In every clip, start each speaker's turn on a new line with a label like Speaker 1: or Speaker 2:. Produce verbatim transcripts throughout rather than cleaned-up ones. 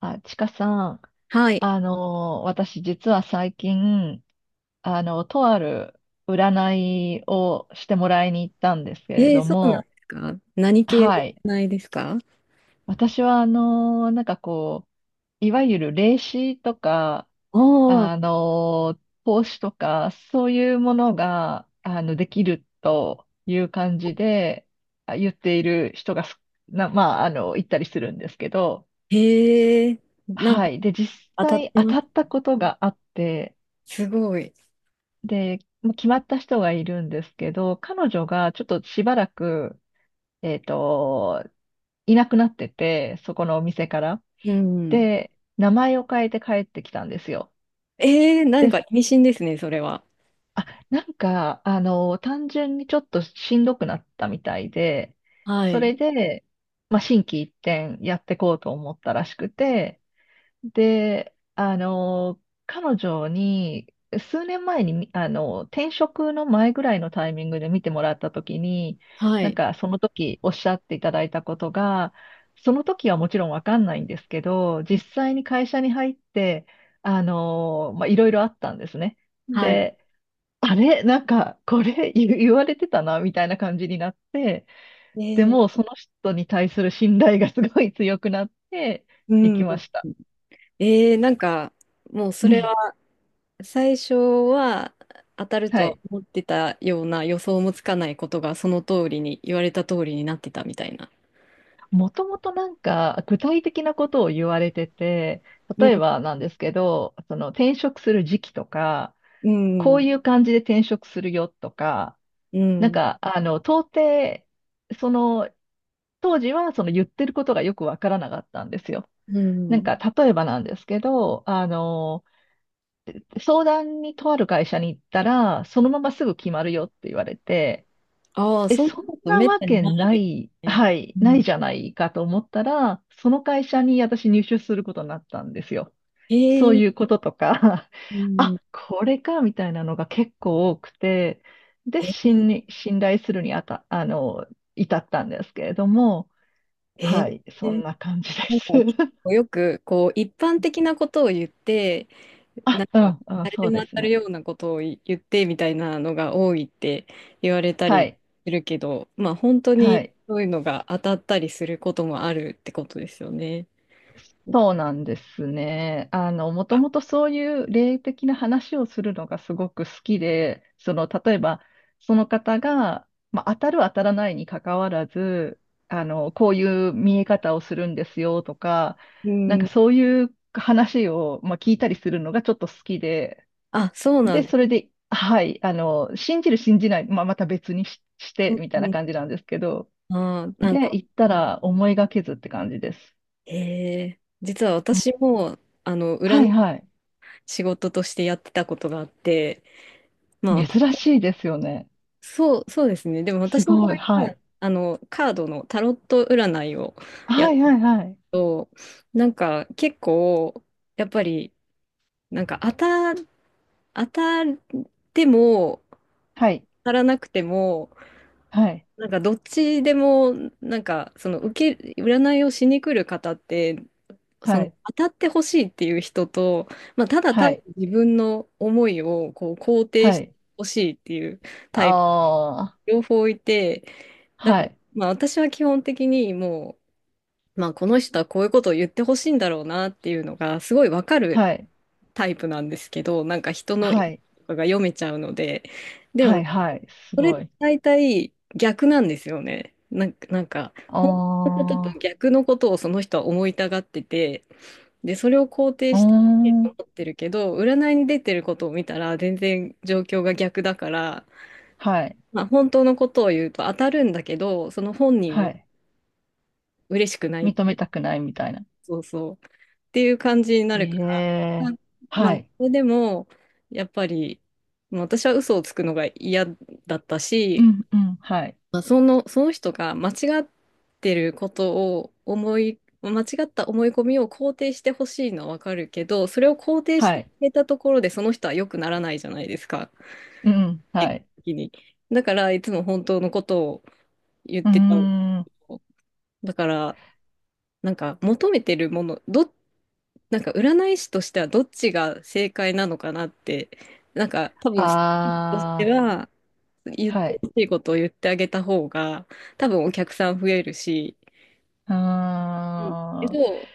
Speaker 1: あ、ちかさん、
Speaker 2: はい。
Speaker 1: あの私実は最近、あの、とある占いをしてもらいに行ったんですけれ
Speaker 2: えー、
Speaker 1: ど
Speaker 2: そうなんで
Speaker 1: も、
Speaker 2: すか、何系
Speaker 1: はい。
Speaker 2: ないですか？
Speaker 1: 私は、あのなんかこう、いわゆる霊視とか、
Speaker 2: ああ、
Speaker 1: あの投資とか、そういうものが、あの、できるという感じで、あ言っている人がすな、まあ、あの、行ったりするんですけど、
Speaker 2: へえ、なんか
Speaker 1: はい。で、実
Speaker 2: 当たっ
Speaker 1: 際
Speaker 2: て
Speaker 1: 当
Speaker 2: ます。
Speaker 1: たったことがあって、
Speaker 2: すごい。
Speaker 1: で、もう決まった人がいるんですけど、彼女がちょっとしばらく、えっと、いなくなってて、そこのお店から。
Speaker 2: うん。
Speaker 1: で、名前を変えて帰ってきたんですよ。
Speaker 2: えー、何
Speaker 1: で、
Speaker 2: か意味深ですね、それは。
Speaker 1: あ、なんか、あの、単純にちょっとしんどくなったみたいで、
Speaker 2: は
Speaker 1: そ
Speaker 2: い。
Speaker 1: れで、まあ、心機一転やってこうと思ったらしくて、で、あの、彼女に、数年前に、みあの、転職の前ぐらいのタイミングで見てもらったときに、
Speaker 2: は
Speaker 1: なん
Speaker 2: い。
Speaker 1: かその時おっしゃっていただいたことが、その時はもちろんわかんないんですけど、実際に会社に入って、あの、まあ、いろいろあったんですね。
Speaker 2: はい。
Speaker 1: で、あれ、なんか、これ言言われてたな、みたいな感じになって、
Speaker 2: え
Speaker 1: で
Speaker 2: ー。
Speaker 1: も、その人に対する信頼がすごい強くなって
Speaker 2: う
Speaker 1: い
Speaker 2: ん。
Speaker 1: きました。
Speaker 2: えー。なんか、もうそ
Speaker 1: う
Speaker 2: れ
Speaker 1: ん。
Speaker 2: は、最初は当たると
Speaker 1: は
Speaker 2: は
Speaker 1: い。
Speaker 2: 思ってたような予想もつかないことが、その通りに、言われた通りになってたみたいな。
Speaker 1: もともとなんか具体的なことを言われてて、
Speaker 2: う
Speaker 1: 例え
Speaker 2: ん。
Speaker 1: ばなんですけど、その転職する時期とか、
Speaker 2: う
Speaker 1: こう
Speaker 2: ん。
Speaker 1: いう感じで転職するよとか、
Speaker 2: う
Speaker 1: なん
Speaker 2: ん。
Speaker 1: かあの、到底、その、当時はその言ってることがよくわからなかったんですよ。
Speaker 2: う
Speaker 1: なん
Speaker 2: ん。
Speaker 1: か例えばなんですけど、あの、相談にとある会社に行ったら、そのまますぐ決まるよって言われて、
Speaker 2: ああ、そんなこと
Speaker 1: な
Speaker 2: めっ
Speaker 1: わ
Speaker 2: たに
Speaker 1: け
Speaker 2: ない
Speaker 1: な
Speaker 2: で
Speaker 1: い、
Speaker 2: すね。
Speaker 1: はい、
Speaker 2: う
Speaker 1: な
Speaker 2: ん。
Speaker 1: いじゃないかと思ったら、その会社に私入社することになったんですよ。そう
Speaker 2: え
Speaker 1: いう
Speaker 2: え。
Speaker 1: こととか、
Speaker 2: う ん。
Speaker 1: あ、これか、みたいなのが結構多くて、で、
Speaker 2: えー、
Speaker 1: 信に、信頼するにあた、あの、至ったんですけれども、
Speaker 2: え
Speaker 1: は
Speaker 2: ー、
Speaker 1: い、そんな感じで
Speaker 2: なん
Speaker 1: す。
Speaker 2: か結構よく、こう、一般的なことを言って、な
Speaker 1: あ、
Speaker 2: ん
Speaker 1: う
Speaker 2: か、
Speaker 1: ん、うん、
Speaker 2: 誰で
Speaker 1: そう
Speaker 2: も
Speaker 1: で
Speaker 2: 当
Speaker 1: す
Speaker 2: たる
Speaker 1: ね。
Speaker 2: ようなことを言ってみたいなのが多いって言われた
Speaker 1: は
Speaker 2: り
Speaker 1: い、
Speaker 2: するけど、まあ、本当
Speaker 1: は
Speaker 2: に
Speaker 1: い。
Speaker 2: そういうのが当たったりすることもあるってことですよね。
Speaker 1: そうなんですね。あの、もともとそういう霊的な話をするのがすごく好きで、その、例えば、その方が、まあ、当たる当たらないにかかわらず、あの、こういう見え方をするんですよとか、
Speaker 2: う
Speaker 1: なんか
Speaker 2: ん。
Speaker 1: そういう話を、まあ、聞いたりするのがちょっと好きで、
Speaker 2: あ、そうなん
Speaker 1: で、
Speaker 2: で
Speaker 1: それ
Speaker 2: す。
Speaker 1: で、はい、あの、信じる信じない、まあ、また別にし、し
Speaker 2: う
Speaker 1: て
Speaker 2: ん
Speaker 1: みたい
Speaker 2: う
Speaker 1: な
Speaker 2: ん。
Speaker 1: 感じなんですけど、
Speaker 2: ああ、なんか、
Speaker 1: で、行ったら思いがけずって感じです。
Speaker 2: ええ実は
Speaker 1: う
Speaker 2: 私
Speaker 1: ん、
Speaker 2: も、あの、
Speaker 1: はい、
Speaker 2: 占
Speaker 1: はい。
Speaker 2: 仕事としてやってたことがあって、まあ、
Speaker 1: 珍しいですよね。
Speaker 2: そう、そうですね。でも
Speaker 1: す
Speaker 2: 私の場
Speaker 1: ごい。
Speaker 2: 合
Speaker 1: は
Speaker 2: は、
Speaker 1: い。
Speaker 2: あの、カードのタロット占いをや
Speaker 1: は
Speaker 2: る
Speaker 1: い、はい、はい。
Speaker 2: と、なんか結構、やっぱり、なんか当た、当たっても、
Speaker 1: はい。
Speaker 2: 当たらなくても、
Speaker 1: はい。
Speaker 2: なんかどっちでも、なんかその受け、占いをしに来る方って、そ
Speaker 1: は
Speaker 2: の
Speaker 1: い。
Speaker 2: 当たってほしいっていう人と、まあ、ただ単
Speaker 1: は
Speaker 2: に
Speaker 1: い。
Speaker 2: 自分の思いをこう肯定
Speaker 1: は
Speaker 2: して
Speaker 1: い。
Speaker 2: ほしいっていう
Speaker 1: あ
Speaker 2: タイプ、
Speaker 1: あ。
Speaker 2: 両方いて、だ
Speaker 1: は
Speaker 2: から、
Speaker 1: い。
Speaker 2: まあ、私は基本的にもう、まあ、この人はこういうことを言ってほしいんだろうなっていうのがすごいわかる
Speaker 1: はい。
Speaker 2: タイプなんですけど、なんか人の意
Speaker 1: は
Speaker 2: 図
Speaker 1: い。
Speaker 2: とかが読めちゃうので、で
Speaker 1: はい。
Speaker 2: も
Speaker 1: はい。す
Speaker 2: それっ
Speaker 1: ご
Speaker 2: て
Speaker 1: い。
Speaker 2: 大体逆なんですよね。なんか、なんか、
Speaker 1: あ
Speaker 2: 本当のことと
Speaker 1: あ。
Speaker 2: 逆のことをその人は思いたがってて、で、それを肯定
Speaker 1: うー
Speaker 2: して思
Speaker 1: ん。
Speaker 2: ってるけど、占いに出てることを見たら全然状況が逆だから、
Speaker 1: はい。
Speaker 2: まあ、本当のことを言うと当たるんだけど、その本人
Speaker 1: は
Speaker 2: は
Speaker 1: い。
Speaker 2: 嬉しくないっ
Speaker 1: 認
Speaker 2: て
Speaker 1: め
Speaker 2: いう、
Speaker 1: たくないみたいな。
Speaker 2: そうそう、っていう感じになるか
Speaker 1: え
Speaker 2: ら、あ
Speaker 1: え。
Speaker 2: まあ、
Speaker 1: はい。
Speaker 2: それでも、やっぱり、まあ私は嘘をつくのが嫌だった
Speaker 1: う
Speaker 2: し、
Speaker 1: ん。うん。はい。
Speaker 2: まあ、その、その人が間違ってることを思い、間違った思い込みを肯定してほしいのはわかるけど、それを肯定し
Speaker 1: は
Speaker 2: てく
Speaker 1: い。
Speaker 2: れたところでその人は良くならないじゃないですか、
Speaker 1: うん。は
Speaker 2: 結果
Speaker 1: い。
Speaker 2: 的に。だから、いつも本当のことを言っ
Speaker 1: うー
Speaker 2: てた。
Speaker 1: ん。
Speaker 2: だから、なんか求めてるもの、ど、なんか占い師としてはどっちが正解なのかなって、なんか多分、とし
Speaker 1: あ
Speaker 2: て
Speaker 1: あ。
Speaker 2: は言っ
Speaker 1: は
Speaker 2: て
Speaker 1: い。
Speaker 2: ほしいことを言ってあげた方が、多分お客さん増えるし、
Speaker 1: うー
Speaker 2: うんけ
Speaker 1: ん。
Speaker 2: ど、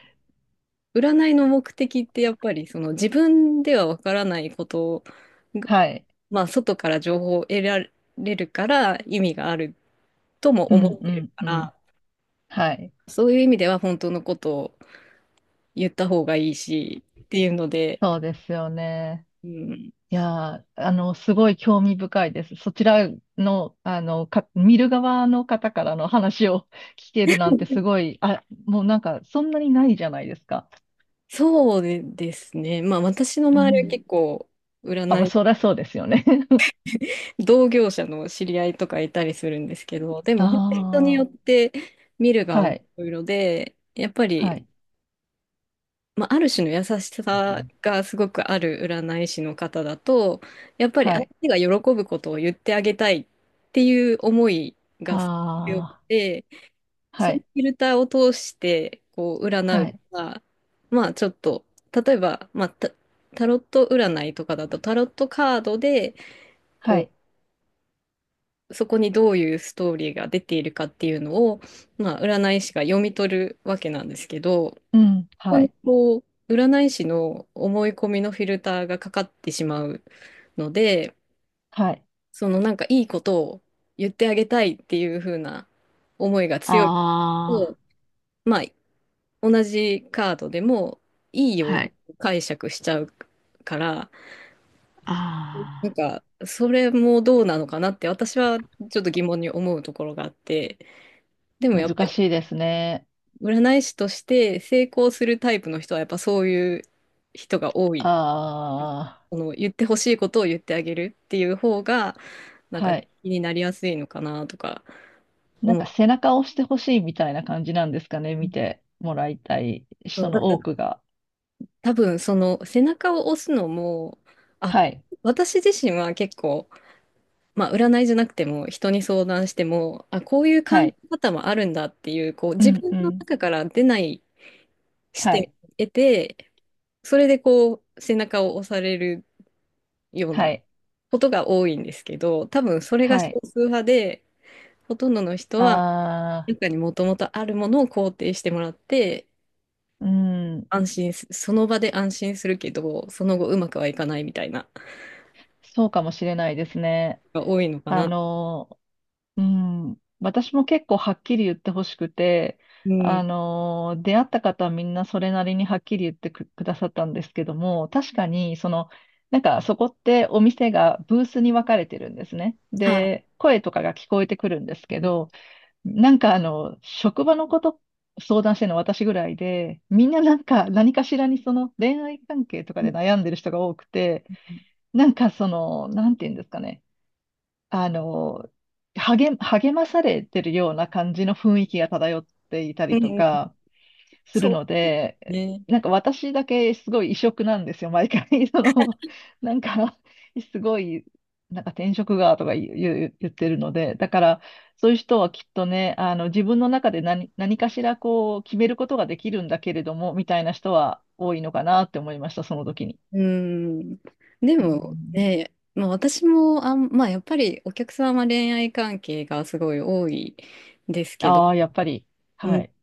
Speaker 2: 占いの目的ってやっぱりその自分ではわからないことが、
Speaker 1: はい。
Speaker 2: まあ、外から情報を得られるから意味があるとも
Speaker 1: う
Speaker 2: 思
Speaker 1: ん。
Speaker 2: っ
Speaker 1: う
Speaker 2: てる
Speaker 1: ん。
Speaker 2: か
Speaker 1: うん。
Speaker 2: ら、
Speaker 1: はい。
Speaker 2: そういう意味では本当のことを言った方がいいしっていうので、
Speaker 1: そうですよね。
Speaker 2: うん、
Speaker 1: いやー、あの、すごい興味深いです。そちらの、あの、か、見る側の方からの話を 聞けるなんてすごい、あ、もうなんか、そんなにないじゃないですか。
Speaker 2: そうですね。まあ私の
Speaker 1: う
Speaker 2: 周りは
Speaker 1: ん。
Speaker 2: 結構
Speaker 1: あ、まあ、
Speaker 2: 占い、
Speaker 1: そりゃそうですよね。
Speaker 2: 同業者の知り合いとかいたりするんですけど、でも
Speaker 1: あ
Speaker 2: 本当に人によって見る
Speaker 1: あ、
Speaker 2: 側も
Speaker 1: は
Speaker 2: い
Speaker 1: い、
Speaker 2: ろいろで、やっぱ
Speaker 1: は
Speaker 2: り
Speaker 1: い、
Speaker 2: まあ、ある種の優しさがすごくある占い師の方だと、やっぱり
Speaker 1: は
Speaker 2: 相
Speaker 1: い。
Speaker 2: 手が喜ぶことを言ってあげたいっていう思いがすごく強く
Speaker 1: あ
Speaker 2: て、
Speaker 1: あ、は
Speaker 2: そのフ
Speaker 1: い、
Speaker 2: ィルターを通してこう占う
Speaker 1: は
Speaker 2: の
Speaker 1: い、
Speaker 2: が、まあちょっと、例えば、まあ、タ、タロット占いとかだとタロットカードで
Speaker 1: は
Speaker 2: こ
Speaker 1: い、
Speaker 2: う、そこにどういうストーリーが出ているかっていうのを、まあ、占い師が読み取るわけなんですけど、こ
Speaker 1: うん、
Speaker 2: こ
Speaker 1: は
Speaker 2: に
Speaker 1: い、
Speaker 2: こう、占い師の思い込みのフィルターがかかってしまうので、
Speaker 1: はい。
Speaker 2: そのなんかいいことを言ってあげたいっていう風な思いが強い
Speaker 1: あ
Speaker 2: と、まあ、同じカードでもいい
Speaker 1: あ、
Speaker 2: よう
Speaker 1: は
Speaker 2: に
Speaker 1: い。
Speaker 2: 解釈しちゃうから、
Speaker 1: あ
Speaker 2: なん
Speaker 1: あ。
Speaker 2: か、それもどうなのかなって私はちょっと疑問に思うところがあって、でもやっぱ
Speaker 1: 難
Speaker 2: り
Speaker 1: しいですね。
Speaker 2: 占い師として成功するタイプの人はやっぱそういう人が多い、
Speaker 1: あ
Speaker 2: その言ってほしいことを言ってあげるっていう方が、
Speaker 1: あ、
Speaker 2: なんか
Speaker 1: はい。
Speaker 2: 気になりやすいのかなとか
Speaker 1: なん
Speaker 2: 思っ
Speaker 1: か
Speaker 2: て、
Speaker 1: 背中を押してほしいみたいな感じなんですかね、見てもらいたい
Speaker 2: そ
Speaker 1: 人
Speaker 2: う、だ
Speaker 1: の
Speaker 2: から
Speaker 1: 多くが。
Speaker 2: 多分その背中を押すのも、あ、
Speaker 1: はい、
Speaker 2: 私自身は結構、まあ占いじゃなくても人に相談しても、あ、こういう考
Speaker 1: はい、
Speaker 2: え方もあるんだっていう、こう
Speaker 1: う
Speaker 2: 自
Speaker 1: ん、
Speaker 2: 分
Speaker 1: う
Speaker 2: の
Speaker 1: ん、
Speaker 2: 中から出ない視
Speaker 1: は
Speaker 2: 点
Speaker 1: い、
Speaker 2: を得て、それでこう背中を押されるよう
Speaker 1: は
Speaker 2: な
Speaker 1: い、
Speaker 2: ことが多いんですけど、多分それが少
Speaker 1: はい。
Speaker 2: 数派で、ほとんどの人は
Speaker 1: ああ、
Speaker 2: 中にもともとあるものを肯定してもらって、
Speaker 1: うん、
Speaker 2: 安心す、その場で安心するけど、その後うまくはいかないみたいな、
Speaker 1: そうかもしれないですね。
Speaker 2: が多いのか
Speaker 1: あ
Speaker 2: な。
Speaker 1: のうん、私も結構はっきり言ってほしくて、
Speaker 2: う
Speaker 1: あ
Speaker 2: ん。
Speaker 1: のー出会った方はみんなそれなりにはっきり言ってく、くださったんですけども、確かに、その、なんかそこってお店がブースに分かれてるんですね。
Speaker 2: は
Speaker 1: で、声とかが聞こえてくるんですけど、なんかあの、職場のこと相談してるの私ぐらいで、みんななんか何かしらにその恋愛関係とか
Speaker 2: い。う
Speaker 1: で
Speaker 2: ん。
Speaker 1: 悩んでる人が多くて、なんかその、なんて言うんですかね。あの、励、励まされてるような感じの雰囲気が漂っていたりとかする
Speaker 2: そ
Speaker 1: の
Speaker 2: う
Speaker 1: で、
Speaker 2: ね。
Speaker 1: なんか私だけすごい異色なんですよ、毎回。その、なんか、すごい、なんか転職がとか言う、言う言ってるので、だから、そういう人はきっとね、あの、自分の中で何、何かしらこう、決めることができるんだけれども、みたいな人は多いのかなって思いました、その時に。
Speaker 2: うん。で
Speaker 1: う
Speaker 2: も
Speaker 1: ん、
Speaker 2: ね、まあ私もあん、まあやっぱりお客様恋愛関係がすごい多いですけど、
Speaker 1: ああ、やっぱり。
Speaker 2: う
Speaker 1: は
Speaker 2: ん。
Speaker 1: い。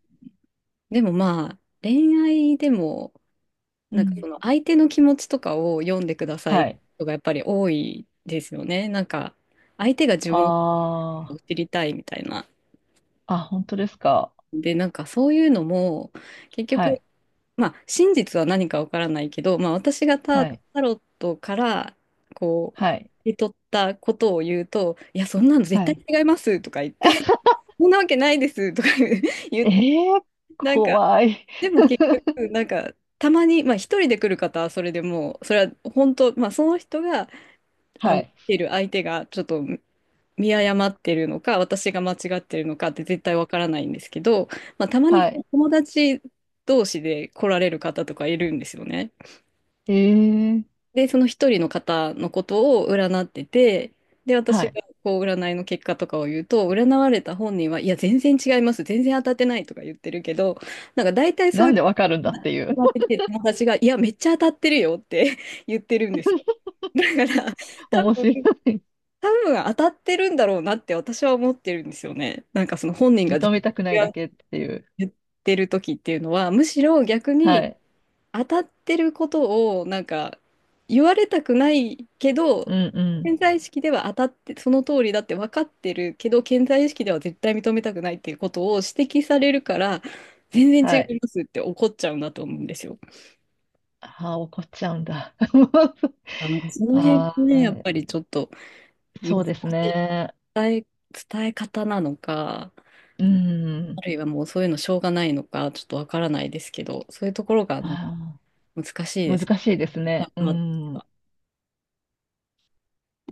Speaker 2: でもまあ、恋愛でも、
Speaker 1: う
Speaker 2: なんか
Speaker 1: ん。
Speaker 2: その相手の気持ちとかを読んでくださ
Speaker 1: は
Speaker 2: い
Speaker 1: い。
Speaker 2: とかやっぱり多いですよね。なんか、相手が自分を
Speaker 1: あ
Speaker 2: を知りたいみたいな。
Speaker 1: あ、あ、本当ですか。
Speaker 2: で、なんかそういうのも、結
Speaker 1: は
Speaker 2: 局、
Speaker 1: い、
Speaker 2: まあ、真実は何かわからないけど、まあ、私がタ、
Speaker 1: はい、
Speaker 2: タロットから、こう、
Speaker 1: は
Speaker 2: 受
Speaker 1: い、
Speaker 2: け取ったことを言うと、いや、そんなの
Speaker 1: は
Speaker 2: 絶対
Speaker 1: い。
Speaker 2: 違いますとか言って、そんなわけないですとか 言
Speaker 1: え
Speaker 2: って、
Speaker 1: ー、
Speaker 2: なんか、
Speaker 1: 怖い。
Speaker 2: でも結局、なんか、たまに、まあ、一人で来る方はそれでもう、それは本当、まあ、その人が、あ
Speaker 1: は
Speaker 2: の、来
Speaker 1: い、
Speaker 2: てる相手が、ちょっと見誤ってるのか、私が間違ってるのかって絶対わからないんですけど、まあ、たまに
Speaker 1: は
Speaker 2: こう
Speaker 1: い。
Speaker 2: 友達同士で来られる方とかいるんですよね。
Speaker 1: えー、
Speaker 2: で、その一人の方のことを占ってて、で、
Speaker 1: は
Speaker 2: 私
Speaker 1: い。
Speaker 2: がこう占いの結果とかを言うと、占われた本人は、いや、全然違います、全然当たってないとか言ってるけど、なんか大体そ
Speaker 1: な
Speaker 2: うい
Speaker 1: ん
Speaker 2: う
Speaker 1: でわかるんだっていう。
Speaker 2: 友達が、いや、めっちゃ当たってるよって 言ってるんですよ。だから、多
Speaker 1: 面白い。
Speaker 2: 分多分当たってるんだろうなって私は思ってるんですよね。なんかその本人が全
Speaker 1: 認めたくないだ
Speaker 2: 然
Speaker 1: けっていう。
Speaker 2: 言ってる時っていうのは、むしろ逆
Speaker 1: は
Speaker 2: に
Speaker 1: い。
Speaker 2: 当たってることをなんか言われたくないけど、
Speaker 1: うん、うん。
Speaker 2: 潜在意識では当たって、その通りだって分かってるけど、潜在意識では絶対認めたくないっていうことを指摘されるから、全然
Speaker 1: は
Speaker 2: 違
Speaker 1: い。
Speaker 2: いますって怒っちゃうんだと思うんですよ。
Speaker 1: ああ、怒っちゃうんだ。
Speaker 2: なんかその辺
Speaker 1: あ
Speaker 2: もね、やっ
Speaker 1: あ、
Speaker 2: ぱりちょっと難
Speaker 1: そう
Speaker 2: し
Speaker 1: です
Speaker 2: い
Speaker 1: ね。
Speaker 2: 伝え方なのか、
Speaker 1: う
Speaker 2: あ
Speaker 1: ん。
Speaker 2: るいはもうそういうのしょうがないのか、ちょっとわからないですけど、そういうところがなんか
Speaker 1: あ
Speaker 2: 難しいで
Speaker 1: あ難
Speaker 2: す。
Speaker 1: しいです
Speaker 2: あ
Speaker 1: ね。う
Speaker 2: まあ
Speaker 1: ん。